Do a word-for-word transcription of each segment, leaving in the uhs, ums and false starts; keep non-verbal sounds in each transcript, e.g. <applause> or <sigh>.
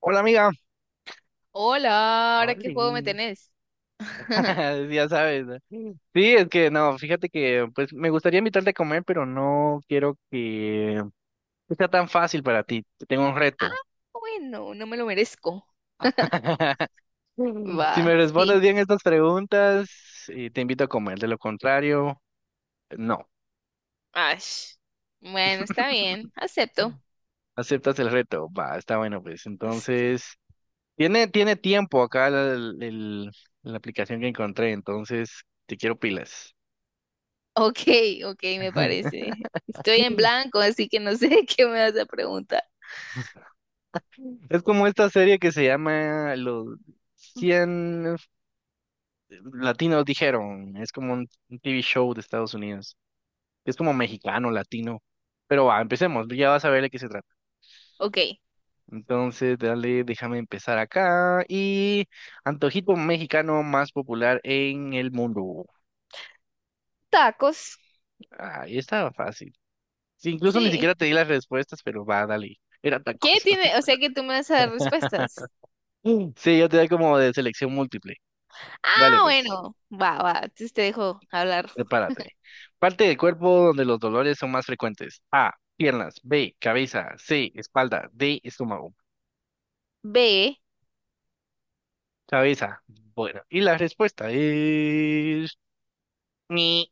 Hola amiga. Hola, ¿ahora qué Oli. juego me tenés? <laughs> <laughs> Ya sabes, ¿no? Sí, es que no, fíjate que pues me gustaría invitarte a comer, pero no quiero que que sea tan fácil para ti. Te tengo un reto. Bueno, no me lo merezco. <laughs> Si me Va, sí. respondes bien estas preguntas, eh, te invito a comer. De lo contrario, no. Ash. Bueno, está bien, acepto. ¿Aceptas el reto? Va, está bueno, pues. Ace- Entonces, tiene, tiene tiempo acá la el- el- la aplicación que encontré, entonces te quiero pilas. <laughs> Ok, ok, me <laughs> parece. Estoy en blanco, así que no sé <laughs> qué me vas a preguntar. Es como esta serie que se llama Los cien Latinos Dijeron. Es como un un T V show de Estados Unidos. Es como mexicano, latino. Pero va, empecemos. Ya vas a ver de qué se trata. Ok, Entonces, dale, déjame empezar acá. Y antojito mexicano más popular en el mundo. tacos. Ahí estaba fácil. Sí, incluso ni Sí. siquiera te di las respuestas, pero va, dale. Era ¿Qué tacos. tiene? O sea que tú me vas a dar <laughs> respuestas. Sí, yo te doy como de selección múltiple. Dale, Ah, pues. bueno, va, va, entonces te dejo hablar. Prepárate. Parte del cuerpo donde los dolores son más frecuentes. A, piernas. B, cabeza. C, espalda. D, estómago. B. Cabeza. Bueno, y la respuesta es... Ni.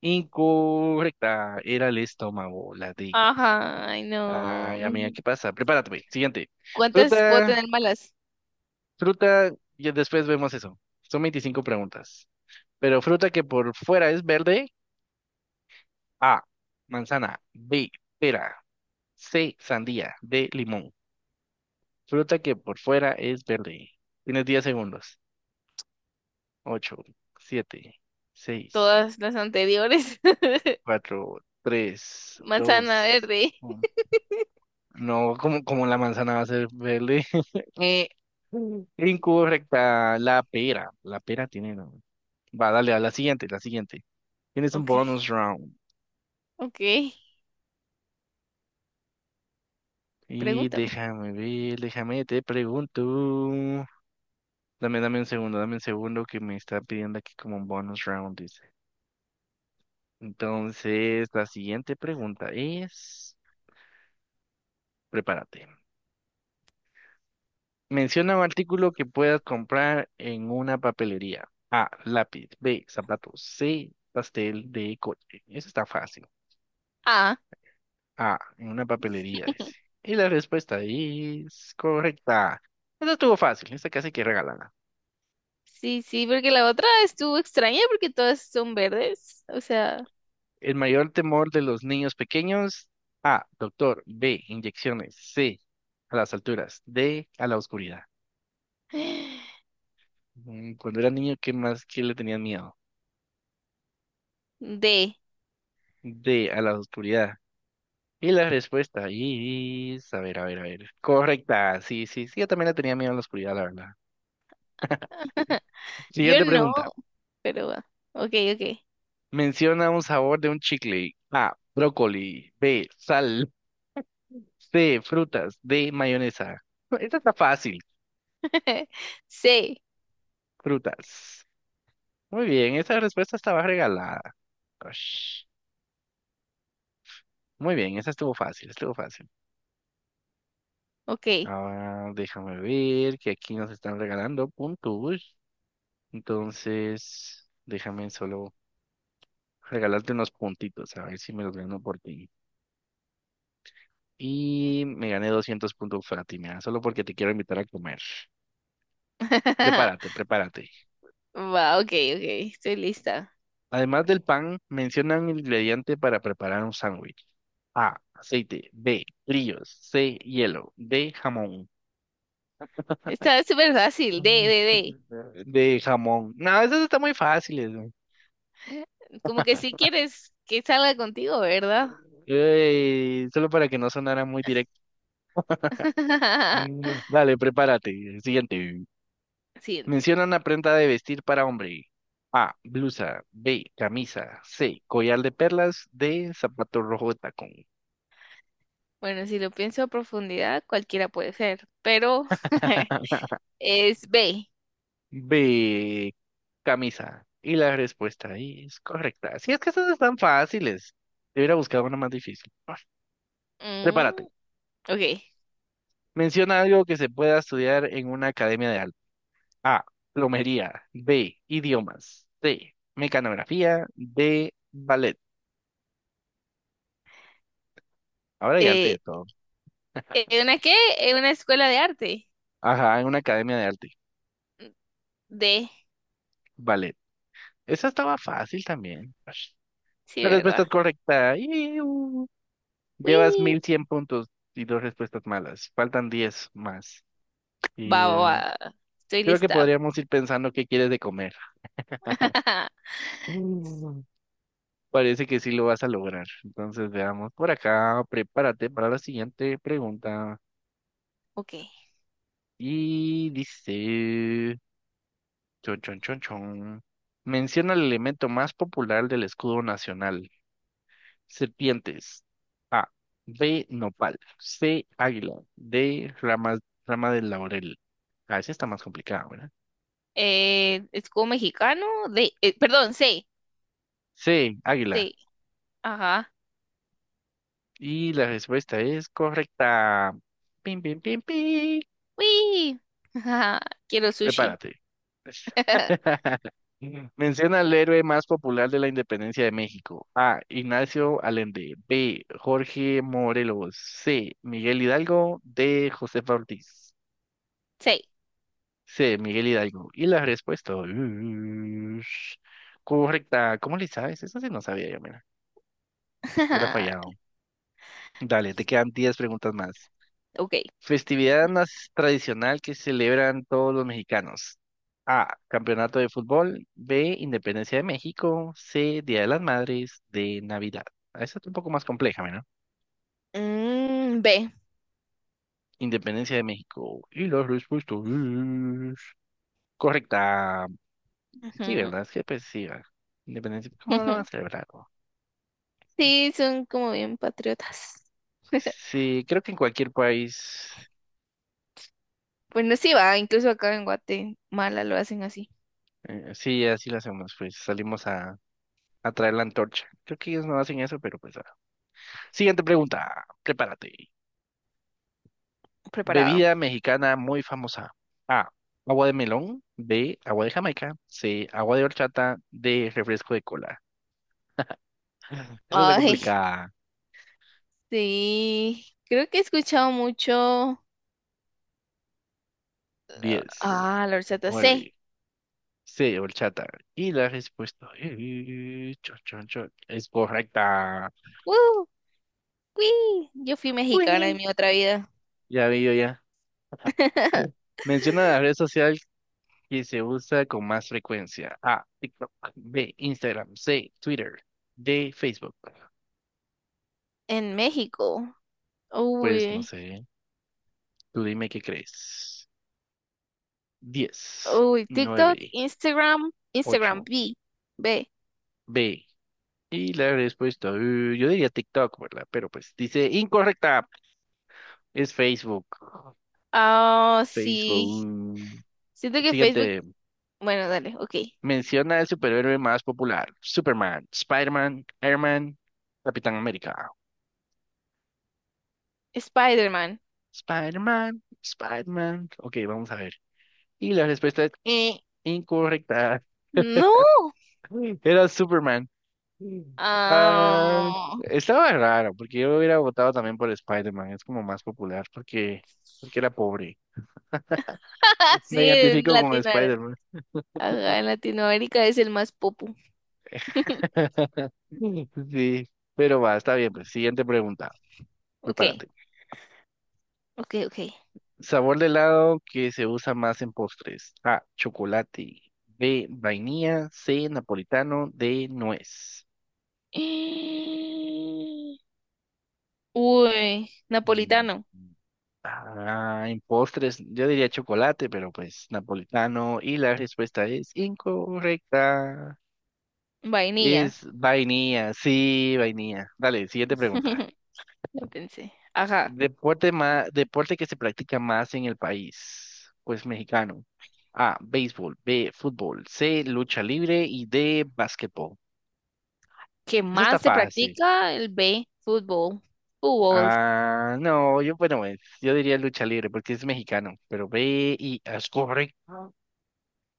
Incorrecta. Era el estómago, la D. Ajá, ay no. Ay, amiga, ¿qué pasa? Prepárate, güey. Siguiente. ¿Cuántas puedo Fruta, tener malas? fruta, y después vemos eso. Son veinticinco preguntas. Pero fruta que por fuera es verde. A, manzana. B, pera. C, sandía. D, limón. Fruta que por fuera es verde. Tienes diez segundos. ocho, siete, seis, Todas las anteriores. <laughs> cuatro, tres, Manzana dos, verde. uno. No, como, como la manzana va a ser verde. <laughs> Eh, incorrecta. La pera. La pera tiene nombre. Va, dale a la siguiente, la siguiente. Tienes un Ok, bonus round. ok. Y Pregúntame. déjame ver, déjame, te pregunto. Dame, dame un segundo, dame un segundo que me está pidiendo aquí como un bonus round, dice. Entonces, la siguiente pregunta es, prepárate. Menciona un artículo que puedas comprar en una papelería. A, lápiz. B, zapatos. C, pastel. D, coche. Eso está fácil. Ah, A, en una papelería, dice. Y la respuesta es correcta. Esta estuvo fácil, esta casi que regalada. sí, sí, porque la otra estuvo extraña porque todas son verdes. O sea, El mayor temor de los niños pequeños. A, doctor. B, inyecciones. C, a las alturas. D, a la oscuridad. <gasps> Mm, Cuando era niño, ¿qué más, qué le tenían miedo? <sighs> D. D, a la oscuridad. Y la respuesta es, a ver, a ver, a ver. Correcta, sí, sí, sí, yo también le tenía miedo a la oscuridad, la verdad. Yo Siguiente no, pregunta. pero va. Ok, ok. Menciona un sabor de un chicle. A, brócoli. B, sal. C, frutas. D, mayonesa. No, esta está fácil. <laughs> C. Frutas. Muy bien, esa respuesta estaba regalada. Ush. Muy bien, esa estuvo fácil, estuvo fácil. Ok. Ahora déjame ver que aquí nos están regalando puntos. Entonces, déjame solo regalarte unos puntitos, a ver si me los gano por ti. Y me gané doscientos puntos, Fátima, solo porque te quiero invitar a comer. Prepárate, <laughs> prepárate. Va, ok, ok. Estoy lista. Además del pan, mencionan el ingrediente para preparar un sándwich. A, aceite. B, brillos. C, hielo. D, jamón. Está súper fácil. D, D, <laughs> De jamón. No, esas están muy fáciles, güey. D. Como que si quieres que salga contigo, ¿verdad? Ey, solo para que no sonara muy directo. <laughs> Dale, prepárate. Siguiente. Siguiente. Menciona una prenda de vestir para hombre. A, blusa. B, camisa. C, collar de perlas. D, zapato rojo de tacón. Bueno, si lo pienso a profundidad, cualquiera puede ser, pero <laughs> <laughs> es B. B, camisa. Y la respuesta ahí es correcta. Si es que estas están fáciles. Debería buscar una más difícil. Ah, prepárate. Mm, ok. Menciona algo que se pueda estudiar en una academia de arte. A, plomería. B, idiomas. C, mecanografía. D, ballet. Ahora ya arte Eh, de todo. ¿Eh, ¿una qué? ¿Eh, ¿Una escuela de arte? Ajá, en una academia de arte. D. Ballet. Esa estaba fácil también. Sí, La respuesta ¿verdad? es correcta. ¡Iu! Llevas Uy. mil cien puntos y dos respuestas malas. Faltan diez más. Va, Y va, eh, va. Estoy creo que lista. podríamos ir pensando qué quieres de comer. <laughs> Mm, Parece que sí lo vas a lograr. Entonces veamos por acá. Prepárate para la siguiente pregunta. Ok. Y dice... Chon, chon, chon, chon. Menciona el elemento más popular del escudo nacional. Serpientes. A. B. Nopal. C. Águila. D. Rama, rama del laurel. Ah, esa está más complicada, ¿verdad? Eh, escudo mexicano de, eh, perdón, C, C. Águila. C. Ajá. Y la respuesta es correcta. Pim, pim, pim, pim. Uy. <laughs> Ajá. Quiero sushi. Prepárate. <laughs> <laughs> Menciona al héroe más popular de la independencia de México. A. Ignacio Allende. B. Jorge Morelos. C. Miguel Hidalgo. D. Josefa Ortiz. C. Sí, Miguel Hidalgo. Y la respuesta es correcta. ¿Cómo le sabes? Eso sí no sabía yo, mira. Hubiera <laughs> fallado. Dale, te quedan diez preguntas más. Ok. Festividad nas- tradicional que celebran todos los mexicanos. A. Campeonato de fútbol. B. Independencia de México. C. Día de las Madres. D. Navidad. Ah, esa es un poco más compleja, mira. Mm, B. Independencia de México. Y la respuesta es correcta. Sí, Ujú. ¿verdad? Es que pues sí, va. Independencia. ¿Cómo no lo van a <laughs> celebrar? Sí, son como bien patriotas. <laughs> Sí, creo que en cualquier país, Bueno, sí va, incluso acá en Guatemala lo hacen así, eh, sí, así lo hacemos, pues salimos a, a traer la antorcha. Creo que ellos no hacen eso, pero pues... ah. Siguiente pregunta, prepárate. preparado. Bebida mexicana muy famosa. A, agua de melón. B, agua de Jamaica. C, agua de horchata. D, refresco de cola. Esta está Ay, <laughs> complicada. sí. Creo que he escuchado mucho. Diez, Ah, la horchata sí. nueve, C, horchata. Y la respuesta eh, chon, chon, chon, es correcta. ¡Uh! ¡Uy! Yo fui mexicana en Uy, mi otra vida. ya vi. Yo <laughs> Menciona la red social que se usa con más frecuencia. A, TikTok. B, Instagram. C, Twitter. D, Facebook. En México. Pues no Uy. sé. Tú dime qué crees. Diez, Uy, TikTok, nueve, Instagram, Instagram, ocho, B. B. B. Y la respuesta, eh, yo diría TikTok, ¿verdad? Pero pues dice incorrecta. Es Facebook. Ah, sí. Facebook. Siento que Facebook. Siguiente. Bueno, dale, ok. Menciona el superhéroe más popular. Superman, Spider-Man, Airman, Capitán América. Spider-Man. Spider-Man, Spider-Man. Ok, vamos a ver. Y la respuesta es eh, incorrecta. <laughs> No. Era Superman. Ah, Ah, estaba raro, porque yo hubiera votado también por Spider-Man. Es como más popular, porque, porque era pobre. <laughs> sí, Me en identifico con Latinoamérica. Spider-Man. Ajá, en Latinoamérica es el más popu. <laughs> <laughs> Sí, pero va, está bien, pues. Siguiente pregunta. Ok, Prepárate. ok, ok. Sabor de helado que se usa más en postres. A, chocolate. B, vainilla. C, napolitano. D, nuez. <gasps> Uy, Mm, napolitano, Ah, en postres, yo diría chocolate, pero pues napolitano. Y la respuesta es incorrecta. vainilla. Es vainilla, sí, vainilla. Dale, siguiente pregunta. <laughs> Lo pensé. Ajá. Deporte más, deporte que se practica más en el país, pues mexicano. A, béisbol, B, fútbol, C, lucha libre y D, básquetbol. ¿Qué Eso está más se fácil. practica? El B, fútbol. Fútbol. Ah, no, yo, bueno, pues, yo diría lucha libre porque es mexicano, pero B y ah, es correcto.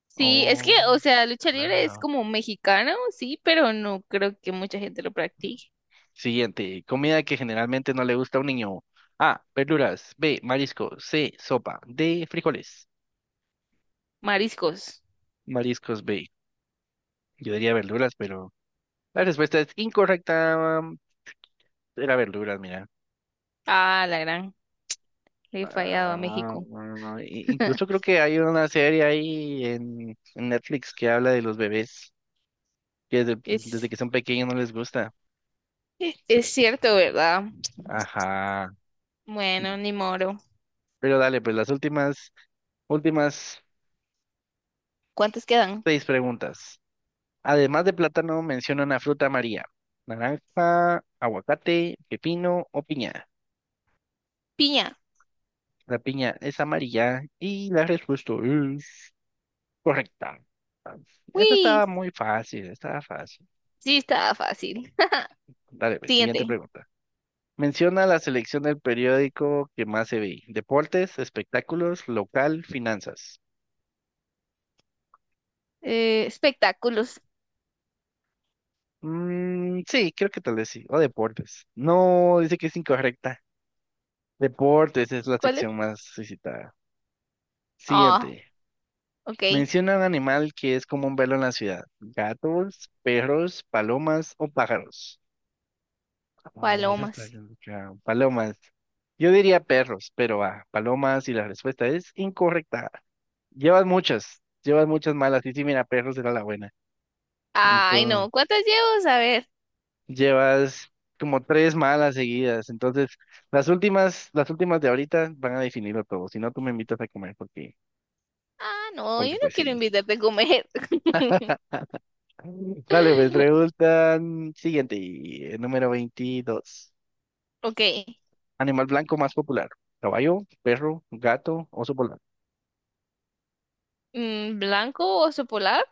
Sí, es que, Oh, o sea, lucha libre es wow. como mexicano, sí, pero no creo que mucha gente lo practique. Siguiente, comida que generalmente no le gusta a un niño. A, verduras. B, marisco. C, sopa. D, frijoles. Mariscos. Mariscos B. Yo diría verduras, pero la respuesta es incorrecta. mm, Era verduras, mira. Ah, la gran. Le he fallado a Ah, México. bueno, i- incluso <laughs> creo que hay una serie ahí en, en Netflix que habla de los bebés que desde, desde Es que son pequeños no les gusta. Es cierto, ¿verdad? Ajá. Bueno, ni moro. Pero dale, pues las últimas, últimas ¿Cuántos quedan? seis preguntas. Además de plátano, menciona una fruta amarilla. Naranja, aguacate, pepino o piña. Piña. La piña es amarilla y la respuesta es correcta. Ah, esta Uy, estaba muy fácil, estaba fácil. sí, estaba fácil. Dale, <laughs> pues, siguiente Siguiente. pregunta. Menciona la selección del periódico que más se ve. Deportes, espectáculos, local, finanzas. Eh, espectáculos. Mm, sí, creo que tal vez sí. O deportes. No, dice que es incorrecta. Deportes es la ¿Cuáles? sección más visitada. Ah, Siguiente. ok. Menciona un animal que es común verlo en la ciudad. Gatos, perros, palomas o pájaros. Ah, esa está Palomas. complicada. Palomas. Yo diría perros, pero ah, palomas y la respuesta es incorrecta. Llevas muchas, llevas muchas malas. Sí, sí, mira, perros era la buena. Ay, Entonces, no. ¿Cuántas llevo? A ver. llevas como tres malas seguidas. Entonces, las últimas, las últimas de ahorita van a definirlo todo. Si no, tú me invitas a comer porque, Ah, no, yo porque no pues quiero sí. invitarte a comer. <laughs> Dale, pues preguntan siguiente, y, eh, número veintidós. Ok. Animal blanco más popular. Caballo, perro, gato, oso polar. Mm, ¿blanco oso polar?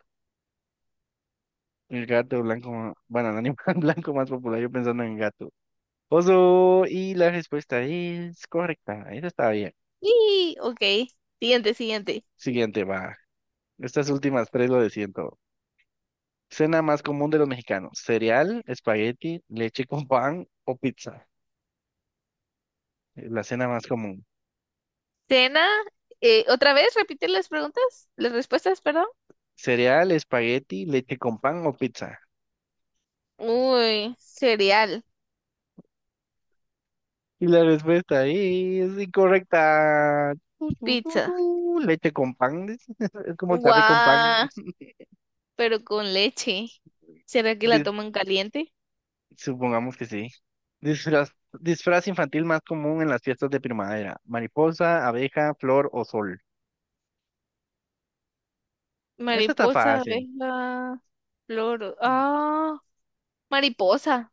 El gato blanco, ma- bueno, el animal <laughs> blanco más popular, yo pensando en gato. Oso, y la respuesta es correcta. Esa está bien. Sí, ok. Siguiente, siguiente. Siguiente, va. Estas últimas tres lo de siento. Cena más común de los mexicanos. Cereal, espagueti, leche con pan o pizza. Eh, La cena más común. Cena. Eh, ¿otra vez? ¿Repite las preguntas? Las respuestas, perdón. Cereal, espagueti, leche con pan o pizza. Uy, cereal. Y la respuesta es incorrecta. Tu, tu, tu, Pizza. tu. Leche con pan, dice. <laughs> Es como el café con pan. Guau, pero con leche. ¿Será que la Dis- toman caliente? Supongamos que sí. Disfraz, disfraz infantil más común en las fiestas de primavera. Mariposa, abeja, flor o sol. Esta está Mariposa, fácil. abeja, flor. Ah, mariposa.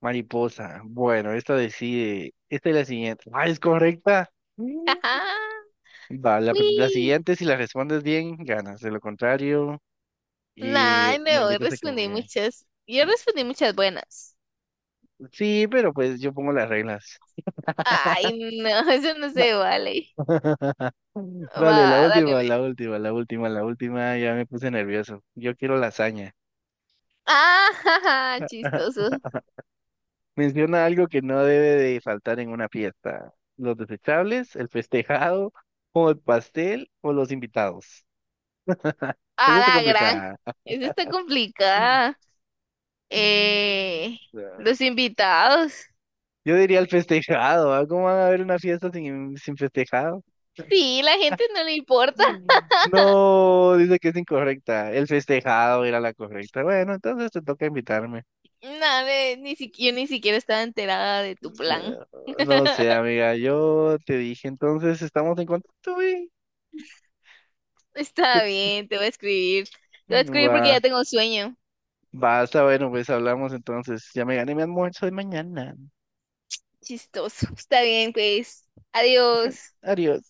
Mariposa. Bueno, esta decide. Esta es la siguiente. Ah, es correcta. <laughs> Mm. Ajá. Va, la, pr- la Uy. siguiente, si la respondes bien, ganas. De lo contrario, y Ay, me no, invitas a respondí comer. muchas. Yo respondí muchas buenas. Sí, pero pues yo pongo las reglas. Ay, no, <laughs> eso no se vale. <laughs> Dale, la Va, dale. última, la Ve. última, la última, la última. Ya me puse nervioso. Yo quiero lasaña. Ah, <laughs> jaja, <laughs> chistoso. Menciona algo que no debe de faltar en una fiesta. Los desechables, el festejado, o el pastel, o los invitados. <laughs> Eso A está la gran. complicada. Eso está complicada. Mm. Eh, los invitados. Yo diría el festejado. ¿Ah? ¿Cómo van a haber una fiesta sin, sin festejado? Sí, la gente no le importa. Mm. No, dice que es incorrecta. El festejado era la correcta. Bueno, entonces te toca invitarme. No, ve, ni siquiera yo ni siquiera estaba enterada de tu plan. Ah, no sé, amiga, yo te dije, entonces estamos en contacto, güey. <laughs> Yo- Está bien, te voy a escribir. Te voy a escribir porque Va, ya tengo sueño. basta, bueno, pues hablamos entonces. Ya me gané mi almuerzo de mañana. Chistoso. Está bien, pues. <laughs> Adiós. Adiós.